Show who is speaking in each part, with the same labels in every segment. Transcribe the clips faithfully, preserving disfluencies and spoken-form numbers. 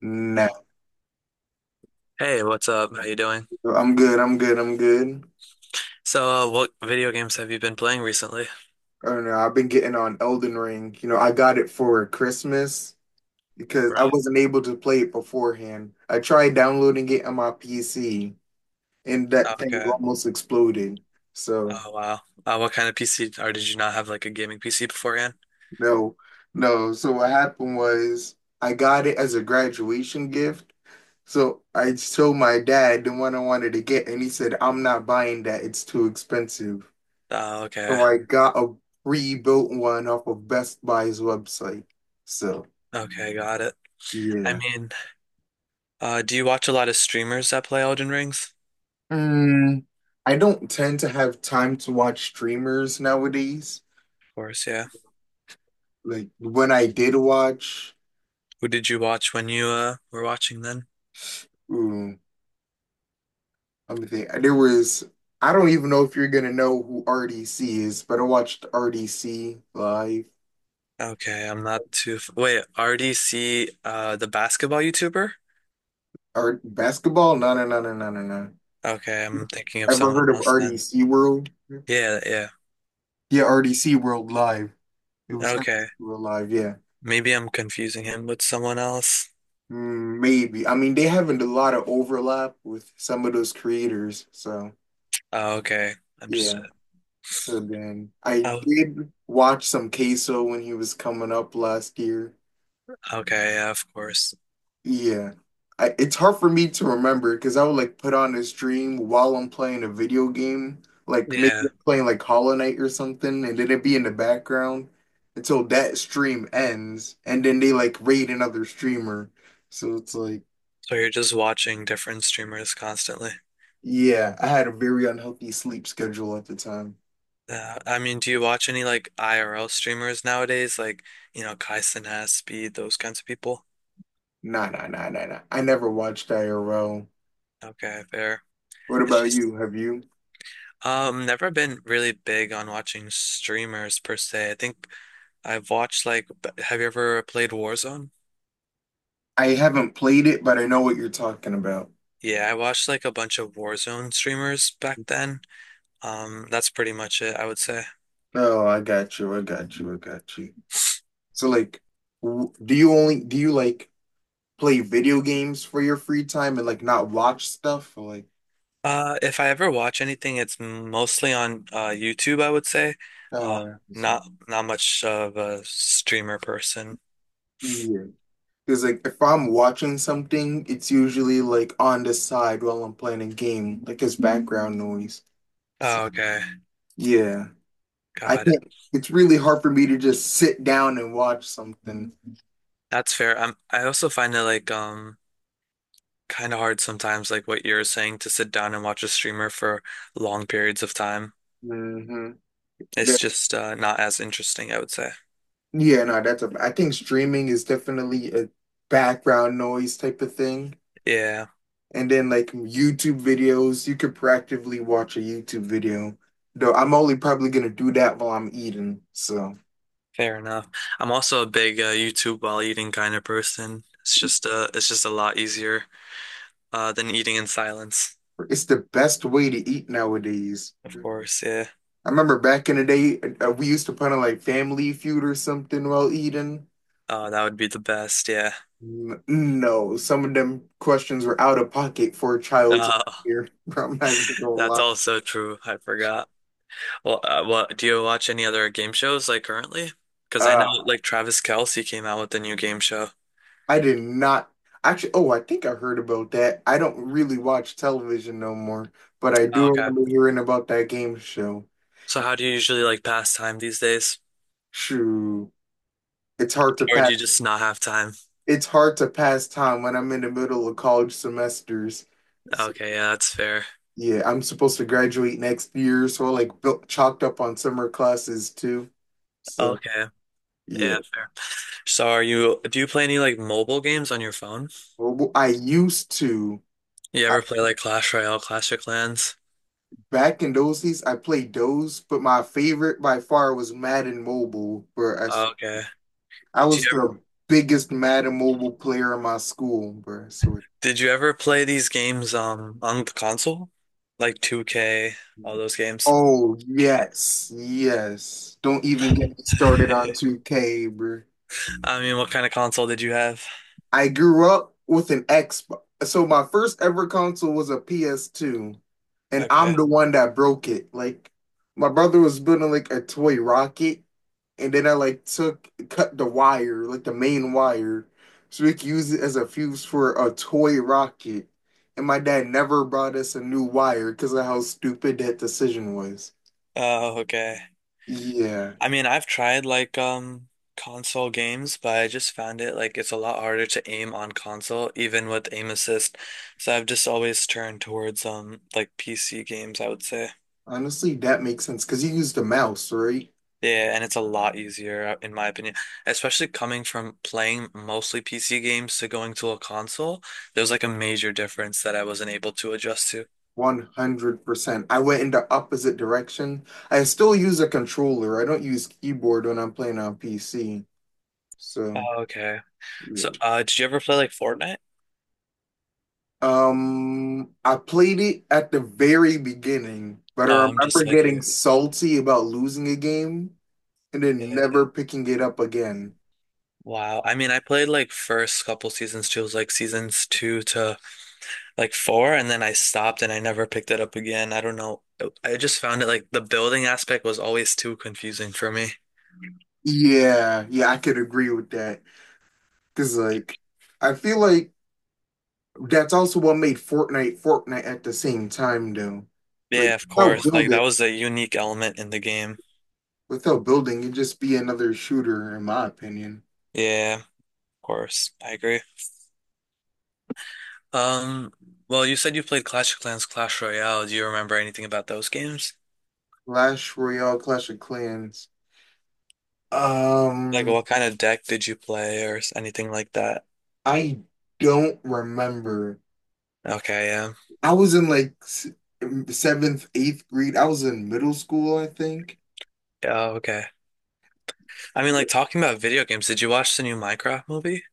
Speaker 1: No,
Speaker 2: Hey, what's up? How you doing?
Speaker 1: I'm good. I'm good. I'm good.
Speaker 2: So, uh, what video games have you been playing recently?
Speaker 1: Oh no, I've been getting on Elden Ring. You know, I got it for Christmas because I
Speaker 2: Right.
Speaker 1: wasn't able to play it beforehand. I tried downloading it on my P C and that thing
Speaker 2: Okay.
Speaker 1: almost exploded. So,
Speaker 2: Oh, wow. Uh, what kind of P C, or did you not have like a gaming P C beforehand?
Speaker 1: no, no. So, what happened was I got it as a graduation gift. So, I told my dad the one I wanted to get, and he said, I'm not buying that. It's too expensive.
Speaker 2: Oh, okay.
Speaker 1: So I got a pre-built one off of Best Buy's website. So
Speaker 2: Okay, got it. I
Speaker 1: yeah.
Speaker 2: mean, uh, do you watch a lot of streamers that play Elden Rings?
Speaker 1: Mm, I don't tend to have time to watch streamers nowadays.
Speaker 2: Of course, yeah.
Speaker 1: Like when I did watch,
Speaker 2: Who did you watch when you uh, were watching then?
Speaker 1: ooh, let me think. There was I don't even know if you're gonna know who R D C is, but I watched R D C live.
Speaker 2: Okay, I'm not too. f- Wait, R D C, uh, the basketball YouTuber?
Speaker 1: Art basketball? No, no, no, no, no, no, no.
Speaker 2: Okay, I'm thinking of
Speaker 1: Ever
Speaker 2: someone
Speaker 1: heard of
Speaker 2: else then.
Speaker 1: R D C World?
Speaker 2: Yeah, yeah.
Speaker 1: Yeah, R D C World Live. It was R D C
Speaker 2: Okay,
Speaker 1: World Live, yeah.
Speaker 2: maybe I'm confusing him with someone else.
Speaker 1: Mm, maybe. I mean, they haven't a lot of overlap with some of those creators. So,
Speaker 2: Oh, okay,
Speaker 1: yeah.
Speaker 2: understood.
Speaker 1: So then I
Speaker 2: Oh,
Speaker 1: did watch some Queso when he was coming up last year.
Speaker 2: okay, yeah, of course.
Speaker 1: Yeah. I, it's hard for me to remember because I would like put on a stream while I'm playing a video game, like maybe
Speaker 2: Yeah,
Speaker 1: I'm playing like Hollow Knight or something, and then it'd be in the background until that stream ends, and then they like raid another streamer. So it's like,
Speaker 2: so you're just watching different streamers constantly.
Speaker 1: yeah, I had a very unhealthy sleep schedule at the time.
Speaker 2: Uh, I mean, do you watch any like I R L streamers nowadays, like you know, Kai Cenat, Speed, those kinds of people?
Speaker 1: Nah, nah, nah, nah, nah. I never watched I R L.
Speaker 2: Okay, fair.
Speaker 1: What
Speaker 2: It's
Speaker 1: about
Speaker 2: just
Speaker 1: you? Have you?
Speaker 2: Um, never been really big on watching streamers per se. I think I've watched like, b- have you ever played Warzone?
Speaker 1: I haven't played it, but I know what you're talking about.
Speaker 2: Yeah, I watched like a bunch of Warzone streamers back then. Um, that's pretty much it, I would say.
Speaker 1: Oh, I got you. I got you. I got you. So, like, w- do you only do you like play video games for your free time and like not watch stuff? Or, like,
Speaker 2: Uh, if I ever watch anything, it's mostly on uh YouTube, I would say. Uh,
Speaker 1: oh, that's-
Speaker 2: not not much of a streamer person.
Speaker 1: Yeah. Because like if I'm watching something, it's usually like on the side while I'm playing a game, like as background noise. So,
Speaker 2: Oh, okay,
Speaker 1: yeah. I
Speaker 2: got it.
Speaker 1: can't. It's really hard for me to just sit down and watch something.
Speaker 2: That's fair. i I also find it like um. kind of hard sometimes, like what you're saying, to sit down and watch a streamer for long periods of time.
Speaker 1: hmm
Speaker 2: It's just uh, not as interesting, I would say.
Speaker 1: yeah, no, that's a. I think streaming is definitely a background noise type of thing.
Speaker 2: Yeah,
Speaker 1: And then like YouTube videos, you could practically watch a YouTube video. Though I'm only probably gonna do that while I'm eating. So
Speaker 2: fair enough. I'm also a big uh, YouTube while eating kind of person. It's just uh, it's just a lot easier uh, than eating in silence.
Speaker 1: it's the best way to eat nowadays.
Speaker 2: Of course, yeah.
Speaker 1: I remember back in the day, uh, we used to put on like Family Feud or something while eating.
Speaker 2: Oh, that would be the best. Yeah.
Speaker 1: N- No, some of them questions were out of pocket for a child to
Speaker 2: Uh,
Speaker 1: hear. Bro, I'm not even gonna
Speaker 2: that's
Speaker 1: lie.
Speaker 2: also true. I forgot. Well, uh, what do you watch any other game shows like currently? Because I know
Speaker 1: Uh,
Speaker 2: like Travis Kelce came out with a new game show.
Speaker 1: I did not actually. Oh, I think I heard about that. I don't really watch television no more, but I
Speaker 2: Oh,
Speaker 1: do
Speaker 2: okay.
Speaker 1: remember hearing about that game show.
Speaker 2: So how do you usually like pass time these days?
Speaker 1: Shoo, it's hard to
Speaker 2: Or do
Speaker 1: pass.
Speaker 2: you just not have time?
Speaker 1: It's hard to pass time when I'm in the middle of college semesters. So,
Speaker 2: Okay, yeah, that's fair.
Speaker 1: yeah, I'm supposed to graduate next year, so I like built, chalked up on summer classes too. So.
Speaker 2: Okay,
Speaker 1: Yeah.
Speaker 2: yeah, fair. So are you, do you play any like mobile games on your phone?
Speaker 1: Mobile. I used to.
Speaker 2: You
Speaker 1: I,
Speaker 2: ever play like Clash Royale, Clash of Clans?
Speaker 1: back in those days, I played those, but my favorite by far was Madden Mobile, bro. I, s-
Speaker 2: Okay.
Speaker 1: I
Speaker 2: Do you
Speaker 1: was
Speaker 2: ever,
Speaker 1: the biggest Madden Mobile player in my school, bro. So,
Speaker 2: did you ever play these games um on the console? Like two K, all those games?
Speaker 1: oh yes, yes. Don't even get me started on two K, bro.
Speaker 2: I mean, what kind of console did you have?
Speaker 1: I grew up with an Xbox. So my first ever console was a P S two, and I'm
Speaker 2: Okay.
Speaker 1: the one that broke it. Like my brother was building like a toy rocket, and then I like took cut the wire, like the main wire, so we could use it as a fuse for a toy rocket. And my dad never brought us a new wire because of how stupid that decision was.
Speaker 2: Oh, okay.
Speaker 1: Yeah,
Speaker 2: I mean, I've tried like um console games, but I just found it like it's a lot harder to aim on console, even with aim assist. So I've just always turned towards um like P C games, I would say.
Speaker 1: honestly, that makes sense because you used a mouse, right?
Speaker 2: Yeah, and it's a lot easier uh, in my opinion, especially coming from playing mostly P C games to going to a console. There was like a major difference that I wasn't able to adjust to.
Speaker 1: one hundred percent. I went in the opposite direction. I still use a controller. I don't use keyboard when I'm playing on P C. So,
Speaker 2: Oh, okay. So,
Speaker 1: yeah.
Speaker 2: uh, did you ever play like Fortnite?
Speaker 1: Um, I played it at the very beginning, but I
Speaker 2: Oh, I'm
Speaker 1: remember
Speaker 2: just like
Speaker 1: getting
Speaker 2: you.
Speaker 1: salty about losing a game and then
Speaker 2: Yeah.
Speaker 1: never picking it up again.
Speaker 2: Wow. I mean, I played like first couple seasons too. It was like seasons two to like four, and then I stopped and I never picked it up again. I don't know. uh, I just found it like the building aspect was always too confusing for me.
Speaker 1: Yeah, yeah, I could agree with that. Because, like, I feel like that's also what made Fortnite Fortnite at the same time, though. Like,
Speaker 2: Yeah, of
Speaker 1: how
Speaker 2: course. Like that
Speaker 1: good
Speaker 2: was a unique element in the game.
Speaker 1: without building, you'd just be another shooter, in my opinion.
Speaker 2: Yeah, of course. I agree. Um, well, you said you played Clash of Clans, Clash Royale. Do you remember anything about those games?
Speaker 1: Clash Royale, Clash of Clans.
Speaker 2: Like
Speaker 1: Um,
Speaker 2: what kind of deck did you play or s- anything like that?
Speaker 1: I don't remember.
Speaker 2: Okay, yeah.
Speaker 1: I was in like s- seventh, eighth grade. I was in middle school, I think.
Speaker 2: Yeah, okay. I mean, like talking about video games, did you watch the new Minecraft movie?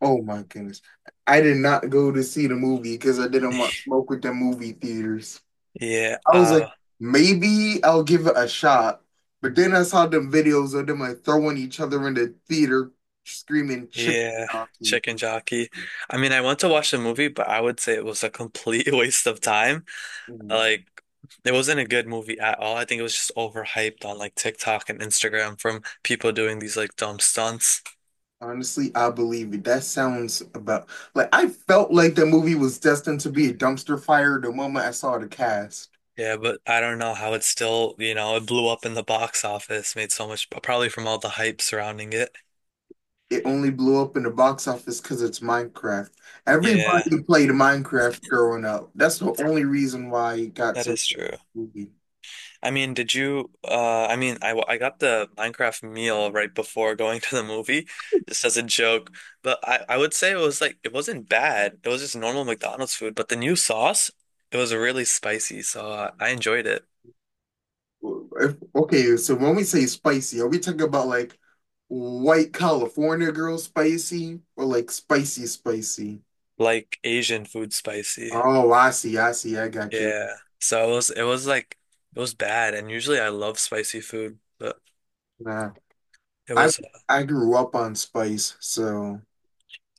Speaker 1: Oh my goodness. I did not go to see the movie because I didn't want smoke with the movie theaters.
Speaker 2: Yeah,
Speaker 1: I was like,
Speaker 2: uh,
Speaker 1: maybe I'll give it a shot. But then I saw them videos of them like throwing each other in the theater, screaming chicken
Speaker 2: yeah,
Speaker 1: jockey.
Speaker 2: Chicken Jockey. I mean, I went to watch the movie, but I would say it was a complete waste of time. Like, it wasn't a good movie at all. I think it was just overhyped on like TikTok and Instagram from people doing these like dumb stunts.
Speaker 1: Honestly, I believe it. That sounds about like I felt like that movie was destined to be a dumpster fire the moment I saw the cast.
Speaker 2: Yeah, but I don't know how it still, you know, it blew up in the box office, made so much, probably from all the hype surrounding it.
Speaker 1: It only blew up in the box office because it's Minecraft.
Speaker 2: Yeah,
Speaker 1: Everybody played Minecraft growing up. That's the only reason why it got
Speaker 2: that
Speaker 1: so
Speaker 2: is true.
Speaker 1: movie.
Speaker 2: I mean, did you? Uh, I mean, I, I got the Minecraft meal right before going to the movie, just as a joke. But I, I would say it was like it wasn't bad. It was just normal McDonald's food. But the new sauce, it was really spicy, so uh, I enjoyed it.
Speaker 1: If- Okay, so when we say spicy, are we talking about like white California girl spicy or like spicy spicy?
Speaker 2: Like Asian food spicy.
Speaker 1: Oh, I see, I see, I got you.
Speaker 2: Yeah. So it was it was like it was bad. And usually I love spicy food, but
Speaker 1: Nah.
Speaker 2: it
Speaker 1: I
Speaker 2: was.
Speaker 1: I grew up on Spice, so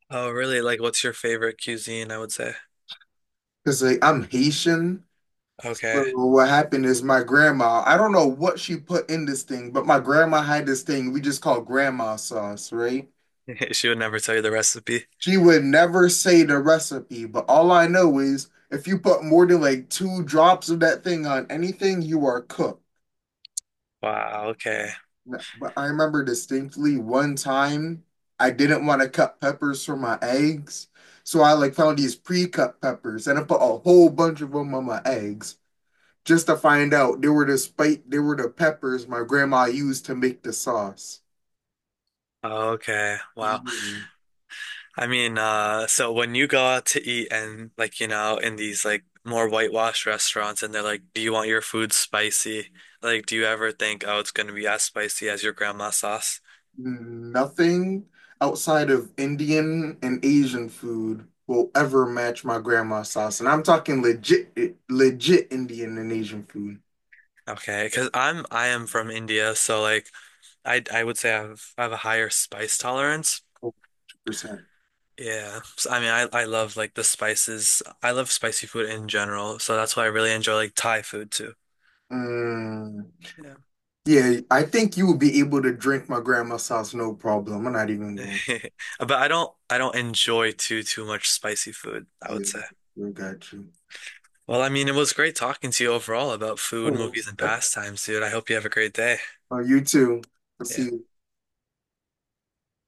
Speaker 2: Oh, really? Like, what's your favorite cuisine? I would say.
Speaker 1: because like, I'm Haitian.
Speaker 2: Okay.
Speaker 1: So what happened is my grandma, I don't know what she put in this thing, but my grandma had this thing we just call grandma sauce, right?
Speaker 2: She would never tell you the recipe.
Speaker 1: She would never say the recipe, but all I know is if you put more than like two drops of that thing on anything, you are cooked.
Speaker 2: Wow. Okay.
Speaker 1: Yeah, but I remember distinctly one time I didn't want to cut peppers for my eggs. So I like found these pre-cut peppers and I put a whole bunch of them on my eggs just to find out they were the spike, they were the peppers my grandma used to make the sauce.
Speaker 2: Okay. Wow.
Speaker 1: Yeah.
Speaker 2: I mean, uh, so when you go out to eat and like, you know, in these like more whitewashed restaurants and they're like, do you want your food spicy? Like, do you ever think, oh, it's gonna be as spicy as your grandma's sauce?
Speaker 1: Nothing outside of Indian and Asian food will ever match my grandma's sauce. And I'm talking legit, legit Indian and Asian food,
Speaker 2: Okay, 'cause I'm I am from India, so like I I would say I have I have a higher spice tolerance.
Speaker 1: one hundred percent.
Speaker 2: Yeah. So, I mean, I I love like the spices. I love spicy food in general, so that's why I really enjoy like Thai food too. Yeah.
Speaker 1: Yeah, I think you will be able to drink my grandma's sauce, no problem. I'm not even going.
Speaker 2: But I don't I don't enjoy too too much spicy food, I
Speaker 1: Yeah,
Speaker 2: would say.
Speaker 1: we got you.
Speaker 2: Well, I mean, it was great talking to you overall about food,
Speaker 1: Oh,
Speaker 2: movies, and pastimes, dude. I hope you have a great day.
Speaker 1: you too. I'll see
Speaker 2: Yeah.
Speaker 1: you.